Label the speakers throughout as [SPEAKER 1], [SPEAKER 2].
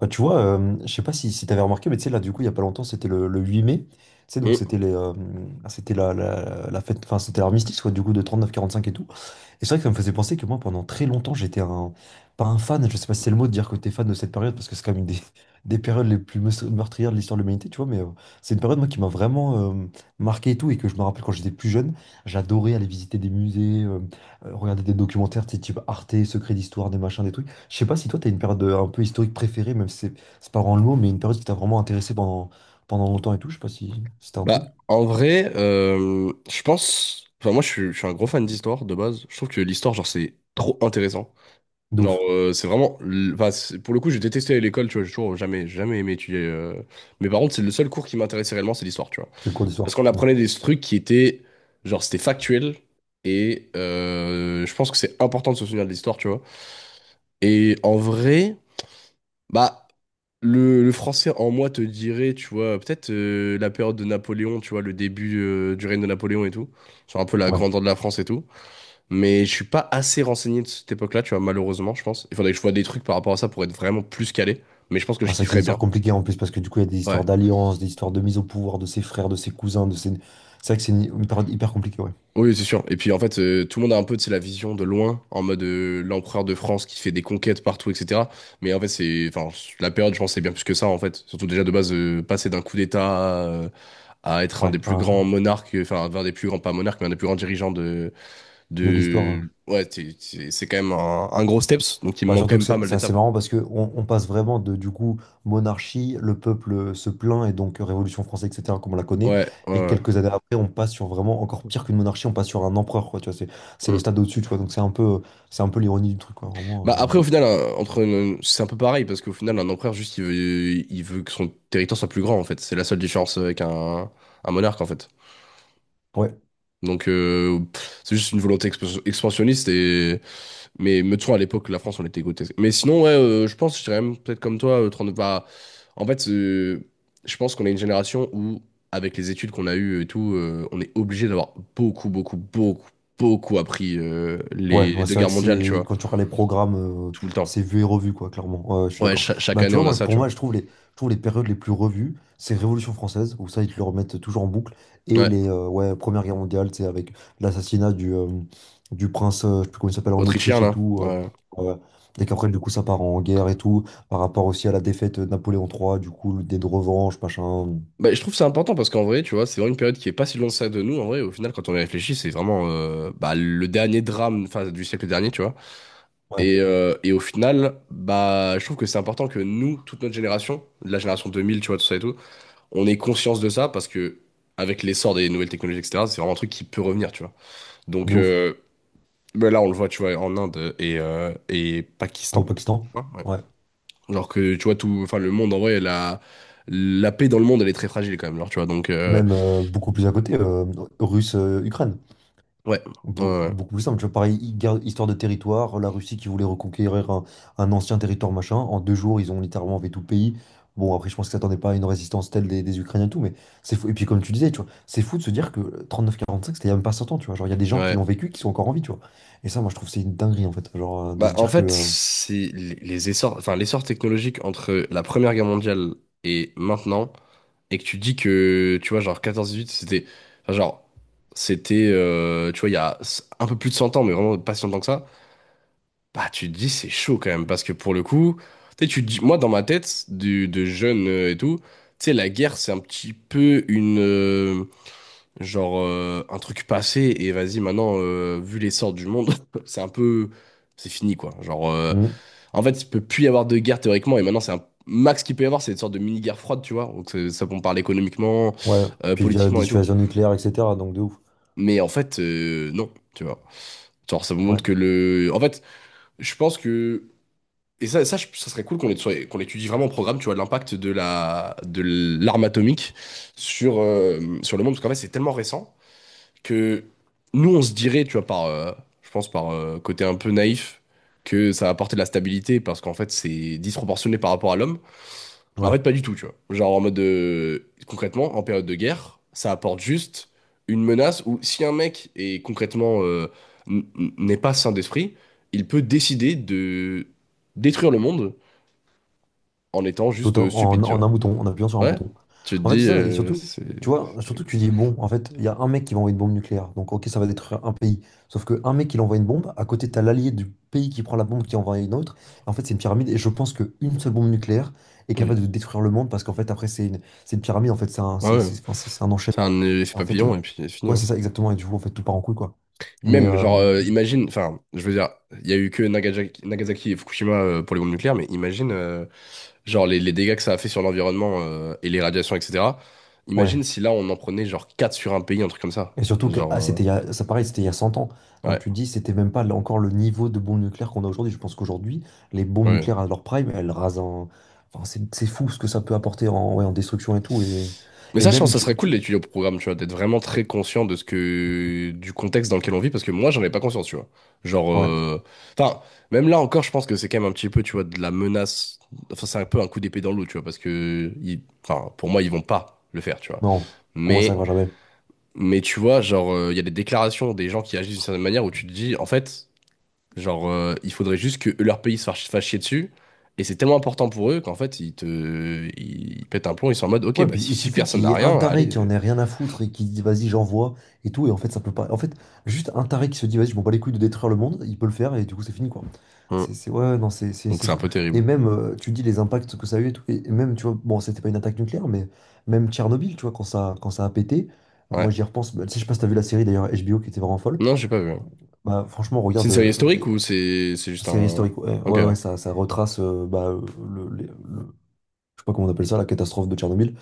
[SPEAKER 1] Bah, tu vois, je sais pas si t'avais remarqué, mais tu sais, là, du coup, il y a pas longtemps, c'était le 8 mai. Tu sais, donc
[SPEAKER 2] Mm.
[SPEAKER 1] c'était la fête, enfin, c'était l'armistice, quoi, du coup, de 39-45 et tout. Et c'est vrai que ça me faisait penser que moi, pendant très longtemps, j'étais un, pas un fan, je sais pas si c'est le mot de dire que t'es fan de cette période, parce que c'est quand même une des, des périodes les plus meurtrières de l'histoire de l'humanité, tu vois, mais c'est une période, moi, qui m'a vraiment marqué et tout, et que je me rappelle quand j'étais plus jeune, j'adorais aller visiter des musées, regarder des documentaires, tu sais, type Arte, Secrets d'Histoire, des machins, des trucs. Je sais pas si toi, tu as une période un peu historique préférée, même si c'est c'est pas vraiment le mot, mais une période qui t'a vraiment intéressé pendant longtemps et tout. Je sais pas si c'était un truc
[SPEAKER 2] Bah, en vrai, je pense. Enfin, moi, je suis un gros fan d'histoire de base. Je trouve que l'histoire, genre, c'est trop intéressant.
[SPEAKER 1] de
[SPEAKER 2] Genre,
[SPEAKER 1] ouf.
[SPEAKER 2] c'est vraiment. Enfin, pour le coup, j'ai détesté aller à l'école, tu vois. J'ai toujours jamais, jamais aimé étudier. Mais par contre, c'est le seul cours qui m'intéressait réellement, c'est l'histoire, tu vois.
[SPEAKER 1] C'est le cours
[SPEAKER 2] Parce
[SPEAKER 1] d'histoire.
[SPEAKER 2] qu'on
[SPEAKER 1] Mm.
[SPEAKER 2] apprenait des trucs qui étaient. Genre, c'était factuel. Et je pense que c'est important de se souvenir de l'histoire, tu vois. Et en vrai. Bah, le français en moi te dirait, tu vois, peut-être la période de Napoléon, tu vois, le début du règne de Napoléon et tout, sur un peu la
[SPEAKER 1] Ouais.
[SPEAKER 2] grandeur de la France et tout. Mais je suis pas assez renseigné de cette époque-là, tu vois, malheureusement, je pense. Il faudrait que je vois des trucs par rapport à ça pour être vraiment plus calé. Mais je pense que
[SPEAKER 1] Ah,
[SPEAKER 2] je
[SPEAKER 1] c'est vrai que c'est une
[SPEAKER 2] kifferais bien.
[SPEAKER 1] histoire compliquée en plus, parce que du coup, il y a des
[SPEAKER 2] Ouais.
[SPEAKER 1] histoires d'alliance, des histoires de mise au pouvoir de ses frères, de ses cousins, de ses. C'est vrai que c'est une période hyper compliquée, ouais.
[SPEAKER 2] Oui, c'est sûr. Et puis en fait, tout le monde a un peu, tu sais, la vision de loin, en mode l'empereur de France qui fait des conquêtes partout, etc. Mais en fait, c'est, enfin, la période, je pense, c'est bien plus que ça, en fait. Surtout déjà de base, passer d'un coup d'État, à être un
[SPEAKER 1] Ouais,
[SPEAKER 2] des plus
[SPEAKER 1] hein,
[SPEAKER 2] grands monarques, enfin, un des plus grands, pas monarques, mais un des plus grands dirigeants de,
[SPEAKER 1] de l'histoire.
[SPEAKER 2] de,
[SPEAKER 1] Hein.
[SPEAKER 2] ouais, c'est quand même un gros steps, donc il me
[SPEAKER 1] Bah,
[SPEAKER 2] manque quand
[SPEAKER 1] surtout que
[SPEAKER 2] même pas mal
[SPEAKER 1] c'est assez
[SPEAKER 2] d'étapes.
[SPEAKER 1] marrant parce que on passe vraiment de du coup monarchie, le peuple se plaint et donc Révolution française, etc., comme on la connaît,
[SPEAKER 2] Ouais,
[SPEAKER 1] et
[SPEAKER 2] ouais.
[SPEAKER 1] quelques années après, on passe sur vraiment encore pire qu'une monarchie, on passe sur un empereur, quoi, tu vois, c'est
[SPEAKER 2] Ouais.
[SPEAKER 1] le
[SPEAKER 2] Mm.
[SPEAKER 1] stade au-dessus, tu vois, donc c'est un peu l'ironie du truc, quoi,
[SPEAKER 2] Bah
[SPEAKER 1] vraiment.
[SPEAKER 2] après au final c'est un peu pareil parce qu'au final un empereur juste il veut que son territoire soit plus grand en fait c'est la seule différence avec un monarque en fait
[SPEAKER 1] Ouais.
[SPEAKER 2] donc pff, c'est juste une volonté expansionniste et Mais me de à l'époque, la France, on était grotesque. Mais sinon, ouais, je pense, je dirais même peut-être comme toi, 39 bah, en fait, je pense qu'on est une génération où, avec les études qu'on a eues et tout, on est obligé d'avoir beaucoup, beaucoup, beaucoup, beaucoup appris
[SPEAKER 1] Ouais,
[SPEAKER 2] les
[SPEAKER 1] ouais,
[SPEAKER 2] deux
[SPEAKER 1] c'est vrai
[SPEAKER 2] guerres
[SPEAKER 1] que
[SPEAKER 2] mondiales, tu
[SPEAKER 1] c'est
[SPEAKER 2] vois,
[SPEAKER 1] quand tu regardes les programmes,
[SPEAKER 2] tout le temps.
[SPEAKER 1] c'est vu et revu, quoi, clairement. Ouais, ouais, je suis
[SPEAKER 2] Ouais,
[SPEAKER 1] d'accord.
[SPEAKER 2] chaque
[SPEAKER 1] Bah, tu
[SPEAKER 2] année,
[SPEAKER 1] vois,
[SPEAKER 2] on a
[SPEAKER 1] moi,
[SPEAKER 2] ça,
[SPEAKER 1] pour
[SPEAKER 2] tu vois.
[SPEAKER 1] moi, je trouve les périodes les plus revues, c'est Révolution française, où ça, ils te le remettent toujours en boucle, et
[SPEAKER 2] Ouais,
[SPEAKER 1] les ouais, Première Guerre mondiale, c'est avec l'assassinat du prince, je sais plus comment il s'appelle, en
[SPEAKER 2] autrichien,
[SPEAKER 1] Autriche et
[SPEAKER 2] là.
[SPEAKER 1] tout.
[SPEAKER 2] Ouais.
[SPEAKER 1] Euh, et qu'après, du coup, ça part en guerre et tout, par rapport aussi à la défaite de Napoléon III, du coup, l'idée de revanche, machin.
[SPEAKER 2] Bah, je trouve que c'est important parce qu'en vrai, tu vois, c'est vraiment une période qui est pas si loin de ça de nous. En vrai, au final, quand on y réfléchit, c'est vraiment bah, le dernier drame enfin, du siècle dernier, tu vois.
[SPEAKER 1] Ouais,
[SPEAKER 2] Et au final, bah, je trouve que c'est important que nous, toute notre génération, la génération 2000, tu vois, tout ça et tout, on ait conscience de ça parce que avec l'essor des nouvelles technologies, etc., c'est vraiment un truc qui peut revenir, tu vois. Donc
[SPEAKER 1] de ouf.
[SPEAKER 2] bah là, on le voit, tu vois, en Inde et
[SPEAKER 1] Au
[SPEAKER 2] Pakistan. Tu
[SPEAKER 1] Pakistan.
[SPEAKER 2] vois, ouais.
[SPEAKER 1] Ouais.
[SPEAKER 2] Alors que, tu vois, tout, enfin, le monde, en vrai, la paix dans le monde, elle est très fragile quand même, genre, tu vois. Donc,
[SPEAKER 1] Même beaucoup plus à côté, russe-Ukraine.
[SPEAKER 2] ouais, ouais,
[SPEAKER 1] Beaucoup plus simple, tu vois, pareil, histoire de territoire, la Russie qui voulait reconquérir un ancien territoire, machin, en 2 jours, ils ont littéralement fait tout le pays. Bon, après, je pense qu'ils s'attendaient pas à une résistance telle des Ukrainiens et tout, mais c'est fou. Et puis, comme tu disais, tu vois, c'est fou de se dire que 39-45, c'était il y a même pas 100 ans, tu vois. Genre, il y a des
[SPEAKER 2] ouais.
[SPEAKER 1] gens qui
[SPEAKER 2] Ouais.
[SPEAKER 1] l'ont vécu, qui sont encore en vie, tu vois. Et ça, moi, je trouve que c'est une dinguerie, en fait. Genre, de
[SPEAKER 2] Bah,
[SPEAKER 1] se
[SPEAKER 2] en
[SPEAKER 1] dire que.
[SPEAKER 2] fait, c'est les essors, enfin, l'essor technologique entre la Première Guerre mondiale et maintenant. Et que tu dis que, tu vois, genre 14-18, c'était, enfin, genre, c'était, tu vois, il y a un peu plus de 100 ans, mais vraiment pas si longtemps que ça, bah, tu te dis, c'est chaud quand même, parce que pour le coup, tu sais, tu te dis, moi, dans ma tête, du, de jeune et tout, tu sais, la guerre, c'est un petit peu une, genre, un truc passé, et vas-y, maintenant, vu l'essor du monde, c'est un peu, c'est fini, quoi. Genre,
[SPEAKER 1] Hmm.
[SPEAKER 2] en fait, il peut plus y avoir de guerre théoriquement, et maintenant, c'est un max qu'il peut y avoir, c'est une sorte de mini-guerre froide, tu vois. Donc, ça, on parle économiquement,
[SPEAKER 1] Ouais, puis via
[SPEAKER 2] politiquement et tout.
[SPEAKER 1] dissuasion nucléaire, etc. Donc, de ouf.
[SPEAKER 2] Mais en fait, non, tu vois. Genre, ça vous
[SPEAKER 1] Ouais,
[SPEAKER 2] montre que le. En fait, je pense que. Et ça, ça serait cool qu'on étudie vraiment au programme, tu vois, l'impact de la, de l'arme atomique sur le monde, parce qu'en fait, c'est tellement récent que nous, on se dirait, tu vois, par, je pense, par côté un peu naïf, que ça apporte de la stabilité, parce qu'en fait, c'est disproportionné par rapport à l'homme. Mais en
[SPEAKER 1] ouais.
[SPEAKER 2] fait, pas du tout, tu vois. Genre en mode de... Concrètement, en période de guerre, ça apporte juste une menace où si un mec est concrètement n'est pas sain d'esprit, il peut décider de détruire le monde en étant juste
[SPEAKER 1] Tout en,
[SPEAKER 2] stupide, tu
[SPEAKER 1] En
[SPEAKER 2] vois.
[SPEAKER 1] un bouton, en appuyant sur un
[SPEAKER 2] Ouais.
[SPEAKER 1] bouton.
[SPEAKER 2] Tu te
[SPEAKER 1] En fait, c'est
[SPEAKER 2] dis,
[SPEAKER 1] ça, et surtout,
[SPEAKER 2] c'est...
[SPEAKER 1] tu vois,
[SPEAKER 2] c'est-
[SPEAKER 1] surtout
[SPEAKER 2] terrible.
[SPEAKER 1] tu dis, bon, en fait, il y a un mec qui va envoyer une bombe nucléaire, donc ok, ça va détruire un pays. Sauf que un mec qui envoie une bombe, à côté, t'as l'allié du pays qui prend la bombe qui envoie une autre. En fait, c'est une pyramide, et je pense qu'une seule bombe nucléaire est
[SPEAKER 2] Oui.
[SPEAKER 1] capable de détruire le monde, parce qu'en fait, après, c'est une pyramide, en fait, c'est un,
[SPEAKER 2] Ouais, ouais.
[SPEAKER 1] c'est- enfin, c'est un
[SPEAKER 2] C'est
[SPEAKER 1] enchaînement.
[SPEAKER 2] un effet
[SPEAKER 1] Et en fait,
[SPEAKER 2] papillon et puis c'est fini.
[SPEAKER 1] ouais, c'est
[SPEAKER 2] Hein.
[SPEAKER 1] ça, exactement, et du coup, en fait, tout part en couille, quoi. Mais,
[SPEAKER 2] Même, genre, imagine, enfin, je veux dire, il y a eu que Nagasaki, Nagasaki et Fukushima pour les bombes nucléaires, mais imagine, genre, les dégâts que ça a fait sur l'environnement et les radiations, etc.
[SPEAKER 1] ouais,
[SPEAKER 2] Imagine si là, on en prenait, genre, 4 sur un pays, un truc comme ça.
[SPEAKER 1] et surtout que
[SPEAKER 2] Genre,
[SPEAKER 1] ah, c'était il y a, ça pareil, c'était il y a 100 ans. Donc
[SPEAKER 2] ouais,
[SPEAKER 1] tu te dis, c'était même pas là encore le niveau de bombes nucléaires qu'on a aujourd'hui. Je pense qu'aujourd'hui, les bombes
[SPEAKER 2] ouais.
[SPEAKER 1] nucléaires à leur prime, elles rasent Enfin, c'est fou ce que ça peut apporter en, ouais, en destruction et tout. Et,
[SPEAKER 2] Mais
[SPEAKER 1] et
[SPEAKER 2] ça, je pense
[SPEAKER 1] même,
[SPEAKER 2] que ça
[SPEAKER 1] tu,
[SPEAKER 2] serait cool
[SPEAKER 1] tu...
[SPEAKER 2] d'étudier au programme, tu vois, d'être vraiment très conscient de ce que, du contexte dans lequel on vit, parce que moi, j'en ai pas conscience, tu vois. Genre,
[SPEAKER 1] Ouais,
[SPEAKER 2] enfin, même là encore, je pense que c'est quand même un petit peu, tu vois, de la menace. Enfin, c'est un peu un coup d'épée dans l'eau, tu vois, parce que, enfin, pour moi, ils vont pas le faire, tu vois.
[SPEAKER 1] non, pour moi, ça
[SPEAKER 2] Mais,
[SPEAKER 1] arrivera jamais.
[SPEAKER 2] tu vois, genre, il y a des déclarations des gens qui agissent d'une certaine manière où tu te dis, en fait. Genre, il faudrait juste que leur pays se fasse chier dessus. Et c'est tellement important pour eux qu'en fait, ils pètent un plomb, ils sont en mode, ok,
[SPEAKER 1] Ouais,
[SPEAKER 2] bah
[SPEAKER 1] puis il
[SPEAKER 2] si
[SPEAKER 1] suffit
[SPEAKER 2] personne
[SPEAKER 1] qu'il y
[SPEAKER 2] n'a
[SPEAKER 1] ait un
[SPEAKER 2] rien, allez.
[SPEAKER 1] taré qui en ait rien à foutre et qui dit vas-y, j'envoie et tout. Et en fait, ça peut pas. En fait, juste un taré qui se dit vas-y, je m'en bats les couilles de détruire le monde, il peut le faire et du coup, c'est fini quoi.
[SPEAKER 2] Hum.
[SPEAKER 1] Ouais, ouais, non,
[SPEAKER 2] Donc
[SPEAKER 1] c'est
[SPEAKER 2] c'est un
[SPEAKER 1] fou.
[SPEAKER 2] peu
[SPEAKER 1] Et
[SPEAKER 2] terrible.
[SPEAKER 1] même, tu dis les impacts que ça a eu et tout. Et même, tu vois, bon, c'était pas une attaque nucléaire, mais même Tchernobyl, tu vois, quand ça a pété,
[SPEAKER 2] Ouais.
[SPEAKER 1] moi j'y repense. Bah, tu sais, je sais pas si t'as vu la série d'ailleurs HBO qui était vraiment folle.
[SPEAKER 2] Non, j'ai pas vu. Hein.
[SPEAKER 1] Bah, franchement,
[SPEAKER 2] C'est
[SPEAKER 1] regarde,
[SPEAKER 2] une série historique ou c'est juste
[SPEAKER 1] série
[SPEAKER 2] un.
[SPEAKER 1] historique. Ouais,
[SPEAKER 2] Ok.
[SPEAKER 1] ouais, ouais, ça retrace bah, le, les- le- je sais pas comment on appelle ça, la catastrophe de Tchernobyl.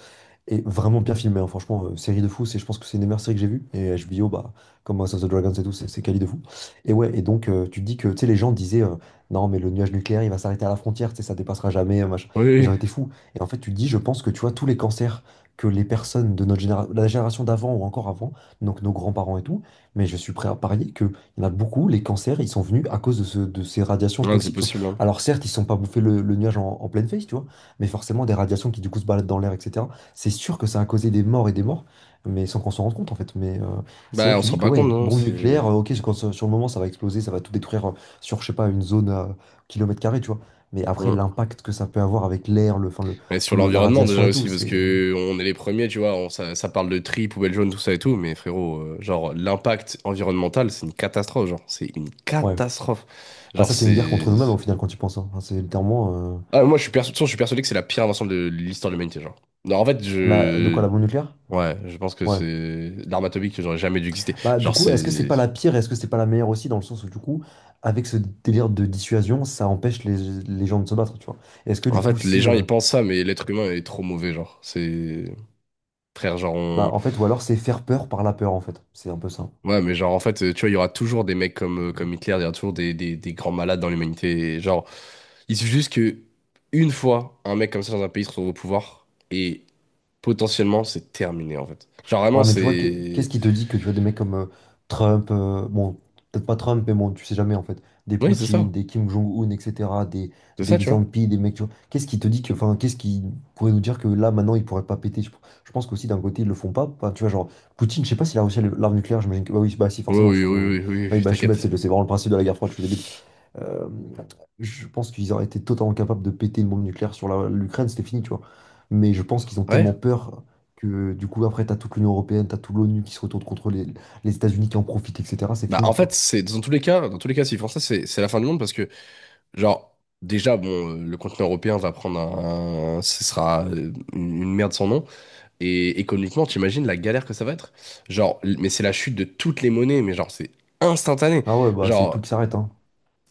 [SPEAKER 1] Et vraiment bien filmé, hein, franchement, série de fou, c'est, je pense que c'est une des meilleures séries que j'ai vues. Et HBO, bah, comme House of the Dragons et tout, c'est quali de fou. Et ouais, et donc tu te dis que tu sais, les gens disaient non, mais le nuage nucléaire il va s'arrêter à la frontière, tu sais, ça dépassera jamais, machin. Les
[SPEAKER 2] Oui,
[SPEAKER 1] gens étaient fous. Et en fait, tu te dis, je pense que tu vois, tous les cancers que les personnes de notre génération, la génération d'avant ou encore avant, donc nos grands-parents et tout, mais je suis prêt à parier qu'il y en a beaucoup, les cancers, ils sont venus à cause de ces radiations
[SPEAKER 2] oui. Ouais, c'est
[SPEAKER 1] toxiques, tu vois.
[SPEAKER 2] possible. Hein.
[SPEAKER 1] Alors certes, ils ne sont pas bouffés le nuage en pleine face, tu vois, mais forcément des radiations qui du coup se baladent dans l'air, etc. C'est sûr que ça a causé des morts et des morts, mais sans qu'on s'en rende compte en fait. Mais c'est là
[SPEAKER 2] Bah,
[SPEAKER 1] que
[SPEAKER 2] on
[SPEAKER 1] tu
[SPEAKER 2] se rend
[SPEAKER 1] dis que
[SPEAKER 2] pas compte,
[SPEAKER 1] ouais,
[SPEAKER 2] non?
[SPEAKER 1] bombe
[SPEAKER 2] C'est.
[SPEAKER 1] nucléaire, ok, quand, sur le moment ça va exploser, ça va tout détruire sur, je sais pas, une zone à kilomètre carré, tu vois. Mais après,
[SPEAKER 2] Hum.
[SPEAKER 1] l'impact que ça peut avoir avec l'air, le, enfin, le,
[SPEAKER 2] Mais sur
[SPEAKER 1] tout le, la
[SPEAKER 2] l'environnement
[SPEAKER 1] radiation
[SPEAKER 2] déjà
[SPEAKER 1] et tout,
[SPEAKER 2] aussi, parce
[SPEAKER 1] c'est.
[SPEAKER 2] que on est les premiers, tu vois, ça, ça parle de tri, poubelle jaune, tout ça et tout, mais frérot, genre l'impact environnemental, c'est une catastrophe, genre, c'est une
[SPEAKER 1] Ouais.
[SPEAKER 2] catastrophe.
[SPEAKER 1] Bah,
[SPEAKER 2] Genre
[SPEAKER 1] ça, c'est une guerre contre
[SPEAKER 2] c'est...
[SPEAKER 1] nous-mêmes au final quand tu penses. Hein. Enfin, c'est littéralement.
[SPEAKER 2] Ah, moi
[SPEAKER 1] Tu-
[SPEAKER 2] de toute façon, je suis persuadé que c'est la pire invention de l'histoire de l'humanité, genre. Non, en fait,
[SPEAKER 1] de quoi
[SPEAKER 2] je...
[SPEAKER 1] la bombe nucléaire?
[SPEAKER 2] Ouais, je pense que
[SPEAKER 1] Ouais.
[SPEAKER 2] c'est l'arme atomique que j'aurais jamais dû exister.
[SPEAKER 1] Bah, du
[SPEAKER 2] Genre
[SPEAKER 1] coup, est-ce que c'est
[SPEAKER 2] c'est...
[SPEAKER 1] pas la pire, est-ce que c'est pas la meilleure aussi, dans le sens où, du coup, avec ce délire de dissuasion, ça empêche les gens de se battre, tu vois? Est-ce que, du
[SPEAKER 2] En
[SPEAKER 1] coup,
[SPEAKER 2] fait, les
[SPEAKER 1] si.
[SPEAKER 2] gens ils pensent ça, mais l'être humain est trop mauvais, genre. C'est... Frère, genre.
[SPEAKER 1] Bah, en fait, ou alors c'est faire peur par la peur, en fait. C'est un peu ça.
[SPEAKER 2] Ouais, mais genre, en fait, tu vois, il y aura toujours des mecs comme Hitler, il y aura toujours des grands malades dans l'humanité. Et genre, il suffit juste que une fois, un mec comme ça dans un pays se retrouve au pouvoir, et potentiellement, c'est terminé, en fait. Genre, vraiment,
[SPEAKER 1] Ouais, mais tu vois, qu'est-ce
[SPEAKER 2] c'est...
[SPEAKER 1] qui te dit que tu vois des mecs comme Trump, bon, peut-être pas Trump, mais bon, tu sais jamais, en fait, des
[SPEAKER 2] Oui, c'est
[SPEAKER 1] Poutine,
[SPEAKER 2] ça.
[SPEAKER 1] des Kim Jong-un, etc., des,
[SPEAKER 2] C'est
[SPEAKER 1] des
[SPEAKER 2] ça,
[SPEAKER 1] Xi
[SPEAKER 2] tu vois.
[SPEAKER 1] Jinping, des mecs, tu vois. Qu'est-ce qui te dit que, enfin, qu'est-ce qui pourrait nous dire que là, maintenant, ils pourraient pas péter? Je pense qu'aussi, d'un côté, ils le font pas. Enfin, tu vois, genre, Poutine, je sais pas s'il a réussi à l'arme nucléaire, j'imagine que, bah oui, bah si,
[SPEAKER 2] Oui,
[SPEAKER 1] forcément, je
[SPEAKER 2] oui,
[SPEAKER 1] suis con. Ouais.
[SPEAKER 2] oui, oui, oui,
[SPEAKER 1] Oui,
[SPEAKER 2] oui,
[SPEAKER 1] bah je suis bête,
[SPEAKER 2] t'inquiète.
[SPEAKER 1] c'est vraiment le principe de la guerre froide, je suis débile. Euh, je pense qu'ils auraient été totalement capables de péter une bombe nucléaire sur l'Ukraine, c'était fini, tu vois. Mais je pense qu'ils ont
[SPEAKER 2] Ouais.
[SPEAKER 1] tellement peur que du coup, après, t'as toute l'Union européenne, t'as toute l'ONU qui se retourne contre les États-Unis qui en profitent, etc. C'est
[SPEAKER 2] Bah,
[SPEAKER 1] fini,
[SPEAKER 2] en
[SPEAKER 1] tu vois.
[SPEAKER 2] fait, c'est dans tous les cas, dans tous les cas, s'ils font ça, c'est la fin du monde parce que, genre, déjà, bon, le continent européen va prendre ce sera une merde sans nom. Et économiquement, t'imagines la galère que ça va être? Genre, mais c'est la chute de toutes les monnaies, mais genre, c'est instantané.
[SPEAKER 1] Ah ouais, bah c'est tout
[SPEAKER 2] Genre,
[SPEAKER 1] qui s'arrête, hein.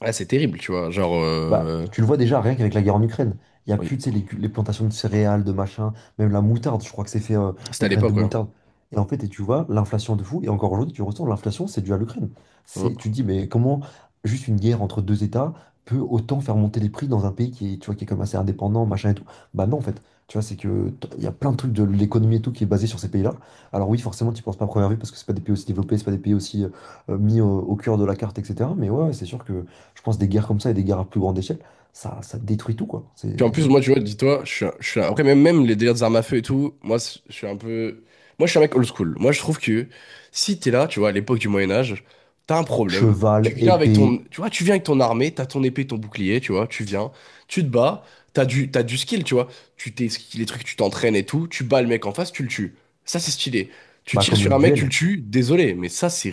[SPEAKER 2] ah, c'est terrible, tu vois. Genre,
[SPEAKER 1] Bah, tu le vois déjà, rien qu'avec la guerre en Ukraine. Il n'y a
[SPEAKER 2] oui,
[SPEAKER 1] plus, tu sais, les plantations de céréales, de machin, même la moutarde, je crois que c'est fait,
[SPEAKER 2] c'était
[SPEAKER 1] les
[SPEAKER 2] à
[SPEAKER 1] graines de
[SPEAKER 2] l'époque, ouais.
[SPEAKER 1] moutarde. Et en fait, et tu vois, l'inflation de fou, et encore aujourd'hui, tu ressens, l'inflation, c'est dû à l'Ukraine. C'est, tu
[SPEAKER 2] Mm.
[SPEAKER 1] te dis, mais comment juste une guerre entre deux États peut autant faire monter les prix dans un pays qui est, tu vois, qui est comme assez indépendant, machin et tout? Bah non, en fait, tu vois, c'est que il y a plein de trucs de l'économie et tout qui est basé sur ces pays-là. Alors oui, forcément, tu penses pas à première vue parce que c'est pas des pays aussi développés, c'est pas des pays aussi mis au cœur de la carte, etc. Mais ouais, ouais, c'est sûr que. Je pense des guerres comme ça et des guerres à plus grande échelle, ça détruit tout, quoi. C'est
[SPEAKER 2] Puis en plus, moi, tu vois, dis-toi, après, même les délires des armes à feu et tout, moi, je suis un peu. Moi, je suis un mec old school. Moi, je trouve que si t'es là, tu vois, à l'époque du Moyen-Âge, t'as un problème.
[SPEAKER 1] cheval,
[SPEAKER 2] Tu viens avec ton.
[SPEAKER 1] épée,
[SPEAKER 2] Tu vois, tu viens avec ton armée, t'as ton épée, ton bouclier, tu vois, tu viens, tu te bats, t'as du skill, tu vois. Tu t'es, les trucs, tu t'entraînes et tout, tu bats le mec en face, tu le tues. Ça, c'est stylé. Tu
[SPEAKER 1] bah,
[SPEAKER 2] tires
[SPEAKER 1] comme
[SPEAKER 2] sur
[SPEAKER 1] le
[SPEAKER 2] un mec, tu le
[SPEAKER 1] duel.
[SPEAKER 2] tues, désolé, mais ça, c'est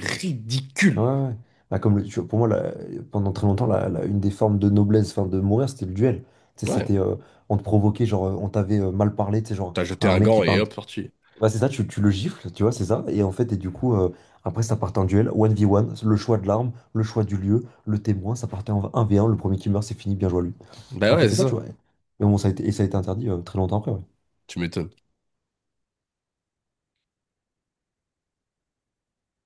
[SPEAKER 1] Ouais,
[SPEAKER 2] ridicule.
[SPEAKER 1] ouais. Ouais. Bah, comme le, tu vois, pour moi, pendant très longtemps, une des formes de noblesse, enfin, de mourir, c'était le duel. Tu sais,
[SPEAKER 2] Ouais,
[SPEAKER 1] c'était, on te provoquait, genre, on t'avait mal parlé, tu sais, genre,
[SPEAKER 2] t'as jeté
[SPEAKER 1] un
[SPEAKER 2] un
[SPEAKER 1] mec qui
[SPEAKER 2] gant et
[SPEAKER 1] parle.
[SPEAKER 2] hop, sorti.
[SPEAKER 1] Bah, c'est ça, tu le gifles, tu vois, c'est ça. Et en fait, et du coup, après, ça partait en duel, 1v1, le choix de l'arme, le choix du lieu, le témoin, ça partait en 1v1. Le premier qui meurt, c'est fini, bien joué à lui.
[SPEAKER 2] Bah
[SPEAKER 1] En fait,
[SPEAKER 2] ouais,
[SPEAKER 1] c'est
[SPEAKER 2] c'est
[SPEAKER 1] ça,
[SPEAKER 2] ça,
[SPEAKER 1] tu vois. Mais bon, ça a été interdit très longtemps après. Ouais.
[SPEAKER 2] tu m'étonnes.